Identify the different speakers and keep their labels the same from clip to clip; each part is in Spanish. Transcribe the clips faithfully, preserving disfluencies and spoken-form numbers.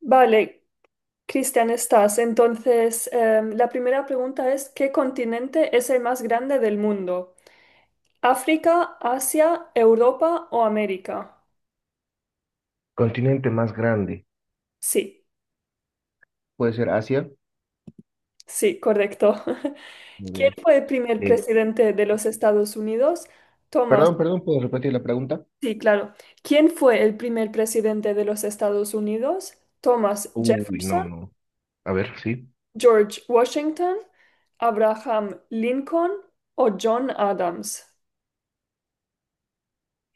Speaker 1: Vale, Cristian, estás. Entonces, em, la primera pregunta es, ¿qué continente es el más grande del mundo? ¿África, Asia, Europa o América?
Speaker 2: Continente más grande.
Speaker 1: Sí,
Speaker 2: Puede ser Asia.
Speaker 1: sí, correcto.
Speaker 2: Muy
Speaker 1: ¿Quién
Speaker 2: bien.
Speaker 1: fue el primer
Speaker 2: Eh,
Speaker 1: presidente de los Estados Unidos? Thomas,
Speaker 2: Perdón, perdón, ¿puedo repetir la pregunta?
Speaker 1: sí, claro. ¿Quién fue el primer presidente de los Estados Unidos? Thomas
Speaker 2: Uy, no,
Speaker 1: Jefferson,
Speaker 2: no. A ver, sí.
Speaker 1: George Washington, Abraham Lincoln o John Adams.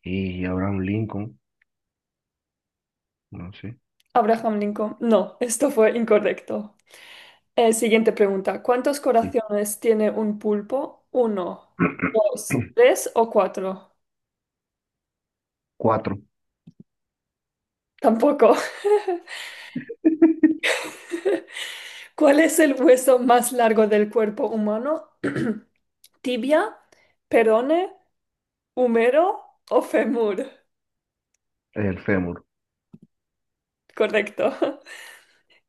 Speaker 2: Y Abraham Lincoln, no sé.
Speaker 1: Abraham Lincoln. No, esto fue incorrecto. Eh, siguiente pregunta. ¿Cuántos
Speaker 2: Sí.
Speaker 1: corazones tiene un pulpo? ¿Uno, dos, tres o cuatro?
Speaker 2: Cuatro.
Speaker 1: Tampoco. ¿Cuál es el hueso más largo del cuerpo humano? ¿Tibia, perone, húmero o femur?
Speaker 2: El fémur.
Speaker 1: Correcto.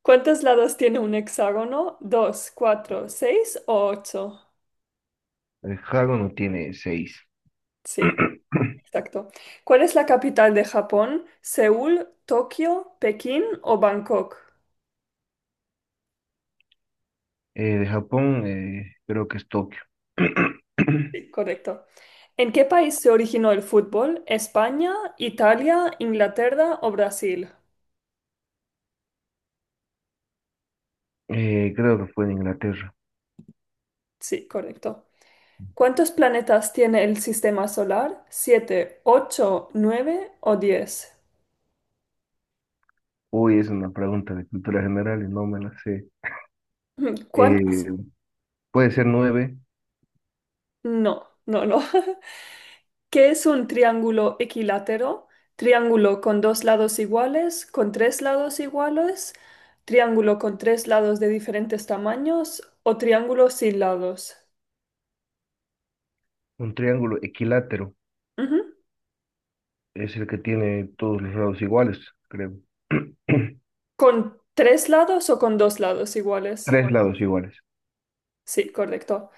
Speaker 1: ¿Cuántos lados tiene un hexágono? ¿Dos, cuatro, seis o ocho?
Speaker 2: El No tiene seis.
Speaker 1: Sí. Exacto. ¿Cuál es la capital de Japón? ¿Seúl, Tokio, Pekín o Bangkok?
Speaker 2: Eh, de Japón, eh, creo que es Tokio.
Speaker 1: Sí, correcto. ¿En qué país se originó el fútbol? ¿España, Italia, Inglaterra o Brasil?
Speaker 2: Eh, creo que fue en Inglaterra.
Speaker 1: Sí, correcto. ¿Cuántos planetas tiene el sistema solar? ¿Siete, ocho, nueve o diez?
Speaker 2: Uy, es una pregunta de cultura general y no me la sé.
Speaker 1: ¿Cuántos?
Speaker 2: Eh, Puede ser nueve.
Speaker 1: No, no, no. ¿Qué es un triángulo equilátero? Triángulo con dos lados iguales, con tres lados iguales, triángulo con tres lados de diferentes tamaños o triángulo sin lados.
Speaker 2: Un triángulo equilátero,
Speaker 1: Ujú.
Speaker 2: es el que tiene todos los lados iguales, creo. Tres.
Speaker 1: ¿Con tres lados o con dos lados iguales?
Speaker 2: Pues lados iguales.
Speaker 1: Sí, correcto.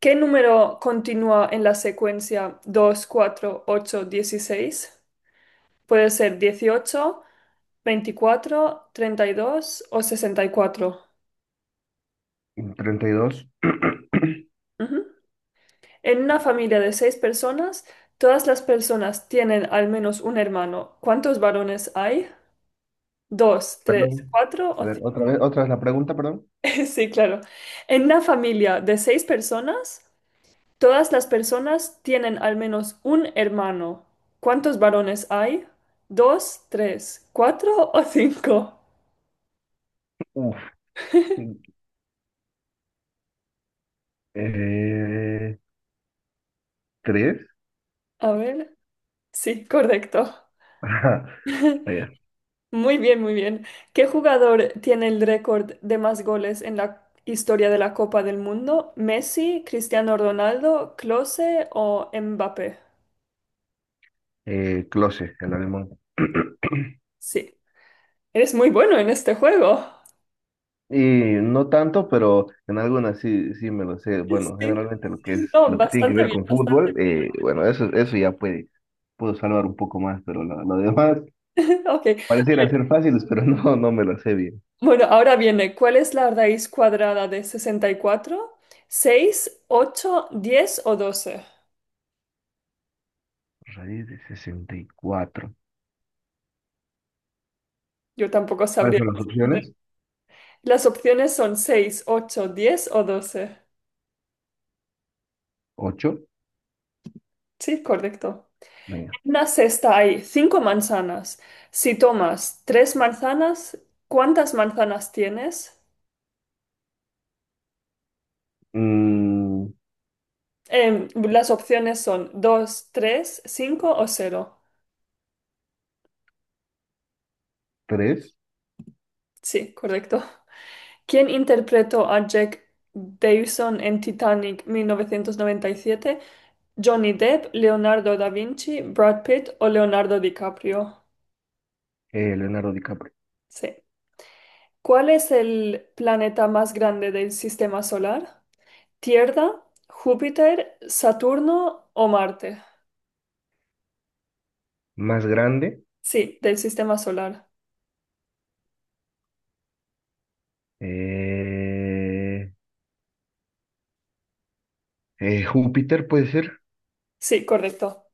Speaker 1: ¿Qué número continúa en la secuencia dos, cuatro, ocho, dieciséis? Puede ser dieciocho, veinticuatro, treinta y dos o sesenta y cuatro.
Speaker 2: Treinta y dos.
Speaker 1: Ujú. En una familia de seis personas, todas las personas tienen al menos un hermano. ¿Cuántos varones hay? ¿Dos, tres,
Speaker 2: Perdón.
Speaker 1: cuatro o
Speaker 2: A ver, otra
Speaker 1: cinco?
Speaker 2: vez, otra vez la pregunta, perdón.
Speaker 1: Sí, claro. En una familia de seis personas, todas las personas tienen al menos un hermano. ¿Cuántos varones hay? ¿Dos, tres, cuatro o cinco?
Speaker 2: Uf. Eh, ¿Tres?
Speaker 1: A ver. Sí, correcto.
Speaker 2: Ajá. Eh,
Speaker 1: Muy bien, muy bien. ¿Qué jugador tiene el récord de más goles en la historia de la Copa del Mundo? ¿Messi, Cristiano Ronaldo, Klose o Mbappé?
Speaker 2: eh, Close, el alemán.
Speaker 1: Sí, eres muy bueno en este juego.
Speaker 2: Y no tanto, pero en algunas sí, sí me lo sé. Bueno,
Speaker 1: Sí,
Speaker 2: generalmente lo que
Speaker 1: sí,
Speaker 2: es,
Speaker 1: no,
Speaker 2: lo que tiene que
Speaker 1: bastante
Speaker 2: ver
Speaker 1: bien,
Speaker 2: con
Speaker 1: bastante
Speaker 2: fútbol,
Speaker 1: bien.
Speaker 2: eh, bueno, eso, eso ya puede, puedo salvar un poco más, pero lo, lo demás
Speaker 1: Ok.
Speaker 2: pareciera ser fáciles, pero no, no me lo sé bien.
Speaker 1: Bueno, ahora viene, ¿cuál es la raíz cuadrada de sesenta y cuatro? Seis, ocho, diez o doce.
Speaker 2: Raíz de sesenta y cuatro.
Speaker 1: Yo tampoco
Speaker 2: ¿Cuáles
Speaker 1: sabría
Speaker 2: son las
Speaker 1: responder.
Speaker 2: opciones?
Speaker 1: Las opciones son seis, ocho, diez o doce.
Speaker 2: Ocho.
Speaker 1: Sí, correcto.
Speaker 2: Venga.
Speaker 1: En una cesta hay cinco manzanas. Si tomas tres manzanas, ¿cuántas manzanas tienes? Em, las opciones son dos, tres, cinco o cero.
Speaker 2: tres.
Speaker 1: Sí, correcto. ¿Quién interpretó a Jack Dawson en Titanic mil novecientos noventa y siete? Johnny Depp, Leonardo da Vinci, Brad Pitt o Leonardo DiCaprio.
Speaker 2: Leonardo DiCaprio.
Speaker 1: Sí. ¿Cuál es el planeta más grande del sistema solar? Tierra, Júpiter, Saturno o Marte.
Speaker 2: Más grande.
Speaker 1: Sí, del sistema solar.
Speaker 2: eh, eh, Júpiter puede ser.
Speaker 1: Sí, correcto.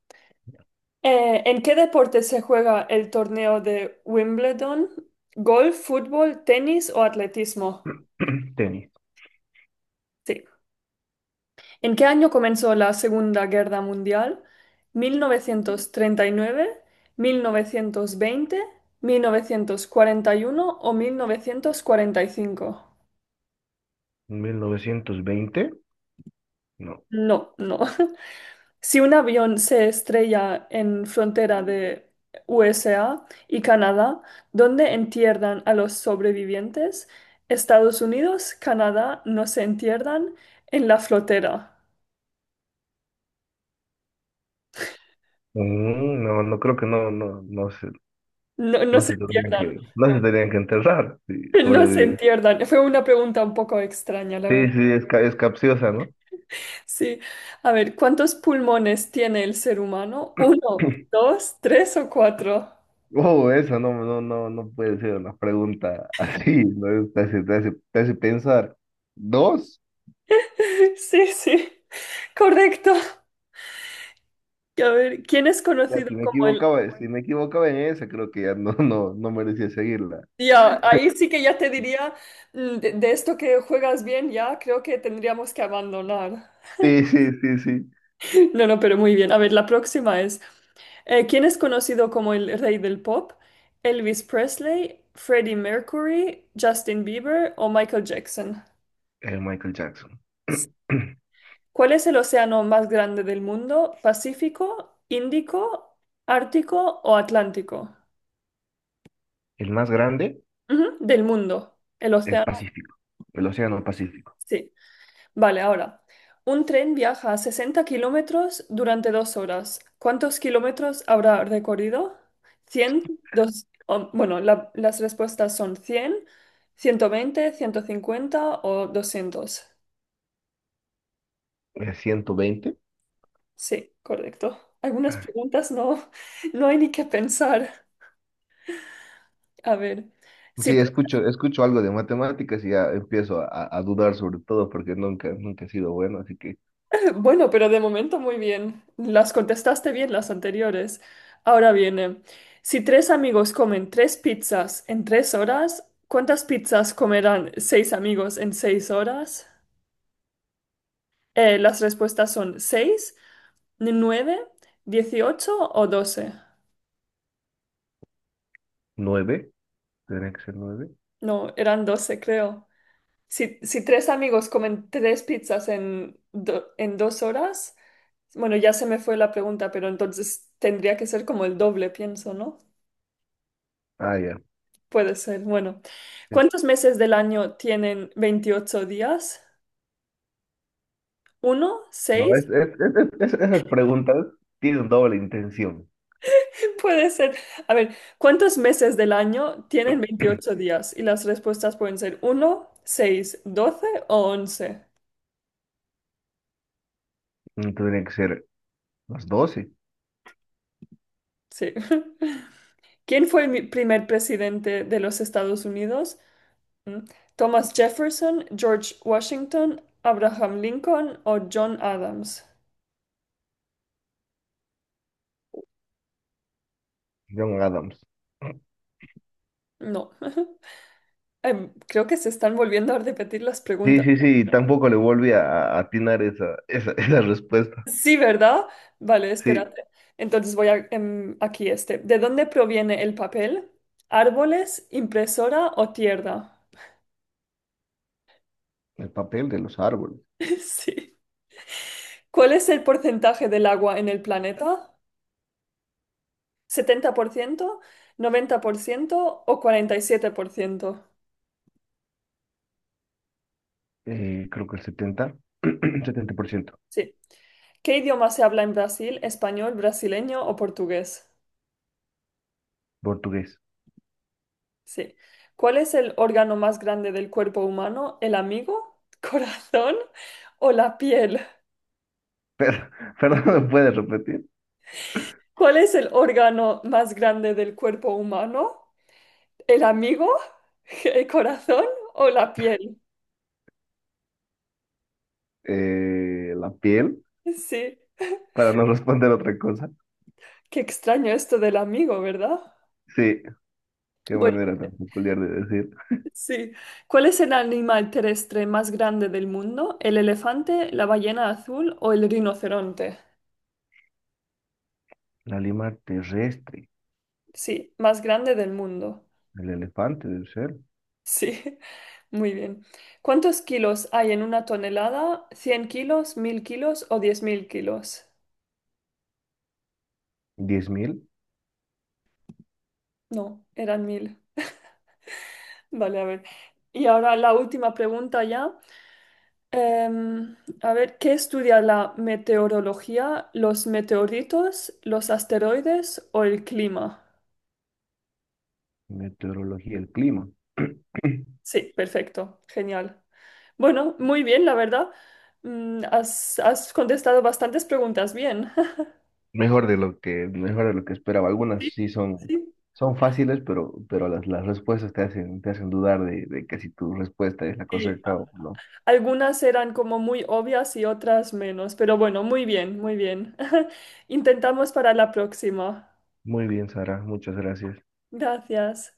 Speaker 1: Eh, ¿en qué deporte se juega el torneo de Wimbledon? ¿Golf, fútbol, tenis o atletismo?
Speaker 2: Tenis.
Speaker 1: Sí. ¿En qué año comenzó la Segunda Guerra Mundial? Mil mil mil novecientos novecientos novecientos treinta y nueve, mil novecientos veinte, mil novecientos cuarenta y uno o mil novecientos cuarenta y cinco.
Speaker 2: mil novecientos veinte. No.
Speaker 1: No, no. Si un avión se estrella en frontera de U S A y Canadá, ¿dónde entierran a los sobrevivientes? Estados Unidos, Canadá, no se entierran en la frontera.
Speaker 2: Mm, no, no creo que no, no, no se,
Speaker 1: No, no
Speaker 2: no
Speaker 1: se
Speaker 2: se tendrían
Speaker 1: entierran,
Speaker 2: que, no se tendrían que enterrar si
Speaker 1: no se
Speaker 2: sobreviven.
Speaker 1: entierran. Fue una pregunta un poco extraña, la
Speaker 2: Sí,
Speaker 1: verdad.
Speaker 2: sí, es, ca- es capciosa, ¿no?
Speaker 1: Sí. A ver, ¿cuántos pulmones tiene el ser humano? ¿Uno, dos, tres o cuatro?
Speaker 2: Wow, eso no, no, no, no puede ser una pregunta así, ¿no? Te hace, te hace- te hace pensar. ¿Dos?
Speaker 1: Sí, sí. Correcto. A ver, ¿quién es
Speaker 2: Ya,
Speaker 1: conocido
Speaker 2: si me
Speaker 1: como el
Speaker 2: equivocaba, si me equivocaba en esa, creo que ya no, no, no merecía seguirla.
Speaker 1: ya, ahí sí que ya te diría, mm, de, de esto que juegas bien, ya creo que tendríamos que abandonar.
Speaker 2: Sí, sí, sí, sí.
Speaker 1: No, no, pero muy bien. A ver, la próxima es, eh, ¿quién es conocido como el rey del pop? ¿Elvis Presley, Freddie Mercury, Justin Bieber o Michael Jackson?
Speaker 2: El Michael Jackson.
Speaker 1: ¿Cuál es el océano más grande del mundo? ¿Pacífico, Índico, Ártico o Atlántico?
Speaker 2: El más grande,
Speaker 1: Ujú, del mundo. El
Speaker 2: el
Speaker 1: océano,
Speaker 2: Pacífico, el Océano Pacífico.
Speaker 1: sí. Vale, ahora. Un tren viaja a sesenta kilómetros durante dos horas. ¿Cuántos kilómetros habrá recorrido? Cien, dos, o- bueno, la- las respuestas son cien, ciento veinte, ciento cincuenta o doscientos.
Speaker 2: Eh, ciento veinte.
Speaker 1: Sí, correcto. Algunas preguntas no, no hay ni que pensar. A ver, si
Speaker 2: Sí, escucho, escucho algo de matemáticas y ya empiezo a, a dudar sobre todo porque nunca, nunca he sido bueno, así que
Speaker 1: bueno, pero de momento muy bien. Las contestaste bien las anteriores. Ahora viene, si tres amigos comen tres pizzas en tres horas, ¿cuántas pizzas comerán seis amigos en seis horas? Eh, las respuestas son seis, nueve, dieciocho o doce.
Speaker 2: nueve, tendría que ser nueve.
Speaker 1: No, eran doce, creo. Si, si tres amigos comen tres pizzas en, do- en dos horas, bueno, ya se me fue la pregunta, pero entonces tendría que ser como el doble, pienso, ¿no?
Speaker 2: Ah, ya.
Speaker 1: Puede ser. Bueno,
Speaker 2: Sí.
Speaker 1: ¿cuántos meses del año tienen veintiocho días? ¿Uno?
Speaker 2: No, es,
Speaker 1: ¿Seis?
Speaker 2: es- es- es- es- esas preguntas tienen doble intención.
Speaker 1: Puede ser. A ver, ¿cuántos meses del año tienen veintiocho días? Y las respuestas pueden ser uno, seis, doce o once.
Speaker 2: Tendrían que ser las doce.
Speaker 1: Sí. ¿Quién fue el mi- primer presidente de los Estados Unidos? Mm. ¿Thomas Jefferson, George Washington, Abraham Lincoln o John Adams?
Speaker 2: John Adams.
Speaker 1: No. Em, Creo que se están volviendo a repetir las
Speaker 2: Sí,
Speaker 1: preguntas.
Speaker 2: sí, sí, tampoco le volví a, a atinar esa, esa, esa respuesta.
Speaker 1: Sí, ¿verdad? Vale,
Speaker 2: Sí,
Speaker 1: espérate. Entonces voy a, em, aquí este. ¿De dónde proviene el papel? ¿Árboles, impresora o tierra?
Speaker 2: el papel de los árboles.
Speaker 1: Sí. ¿Cuál es el porcentaje del agua en el planeta? Setenta por ciento, noventa por ciento o cuarenta y siete por ciento.
Speaker 2: Eh, creo que el setenta setenta por ciento.
Speaker 1: Sí. ¿Qué idioma se habla en Brasil? ¿Español, brasileño o portugués?
Speaker 2: Portugués.
Speaker 1: Sí. ¿Cuál es el órgano más grande del cuerpo humano? ¿El amigo, corazón o la piel?
Speaker 2: Pero, perdón, ¿me puedes repetir?
Speaker 1: ¿Cuál es el órgano más grande del cuerpo humano? ¿El amigo? ¿El corazón o la piel?
Speaker 2: Eh, la piel,
Speaker 1: Sí,
Speaker 2: para no responder otra cosa.
Speaker 1: qué extraño esto del amigo, ¿verdad?
Speaker 2: Sí, qué
Speaker 1: Bueno,
Speaker 2: manera tan peculiar de decir.
Speaker 1: sí. ¿Cuál es el animal terrestre más grande del mundo? ¿El elefante, la ballena azul o el rinoceronte?
Speaker 2: La lima terrestre,
Speaker 1: Sí, más grande del mundo.
Speaker 2: el elefante debe ser.
Speaker 1: Sí, muy bien. ¿Cuántos kilos hay en una tonelada? ¿Cien kilos, mil kilos o diez mil kilos?
Speaker 2: Diez mil.
Speaker 1: No, eran mil. Vale, a ver. Y ahora la última pregunta ya. Em, a ver, ¿qué estudia la meteorología, los meteoritos, los asteroides o el clima?
Speaker 2: Meteorología, el clima.
Speaker 1: Sí, perfecto, genial. Bueno, muy bien, la verdad. Mm, has, has contestado bastantes preguntas bien.
Speaker 2: Mejor de lo que, mejor de lo que esperaba. Algunas sí son,
Speaker 1: Sí,
Speaker 2: son fáciles, pero, pero las, las respuestas te hacen, te hacen dudar de, de que si tu respuesta es la
Speaker 1: sí.
Speaker 2: correcta o no.
Speaker 1: Algunas eran como muy obvias y otras menos, pero bueno, muy bien, muy bien. Intentamos para la próxima.
Speaker 2: Muy bien, Sara, muchas gracias.
Speaker 1: Gracias.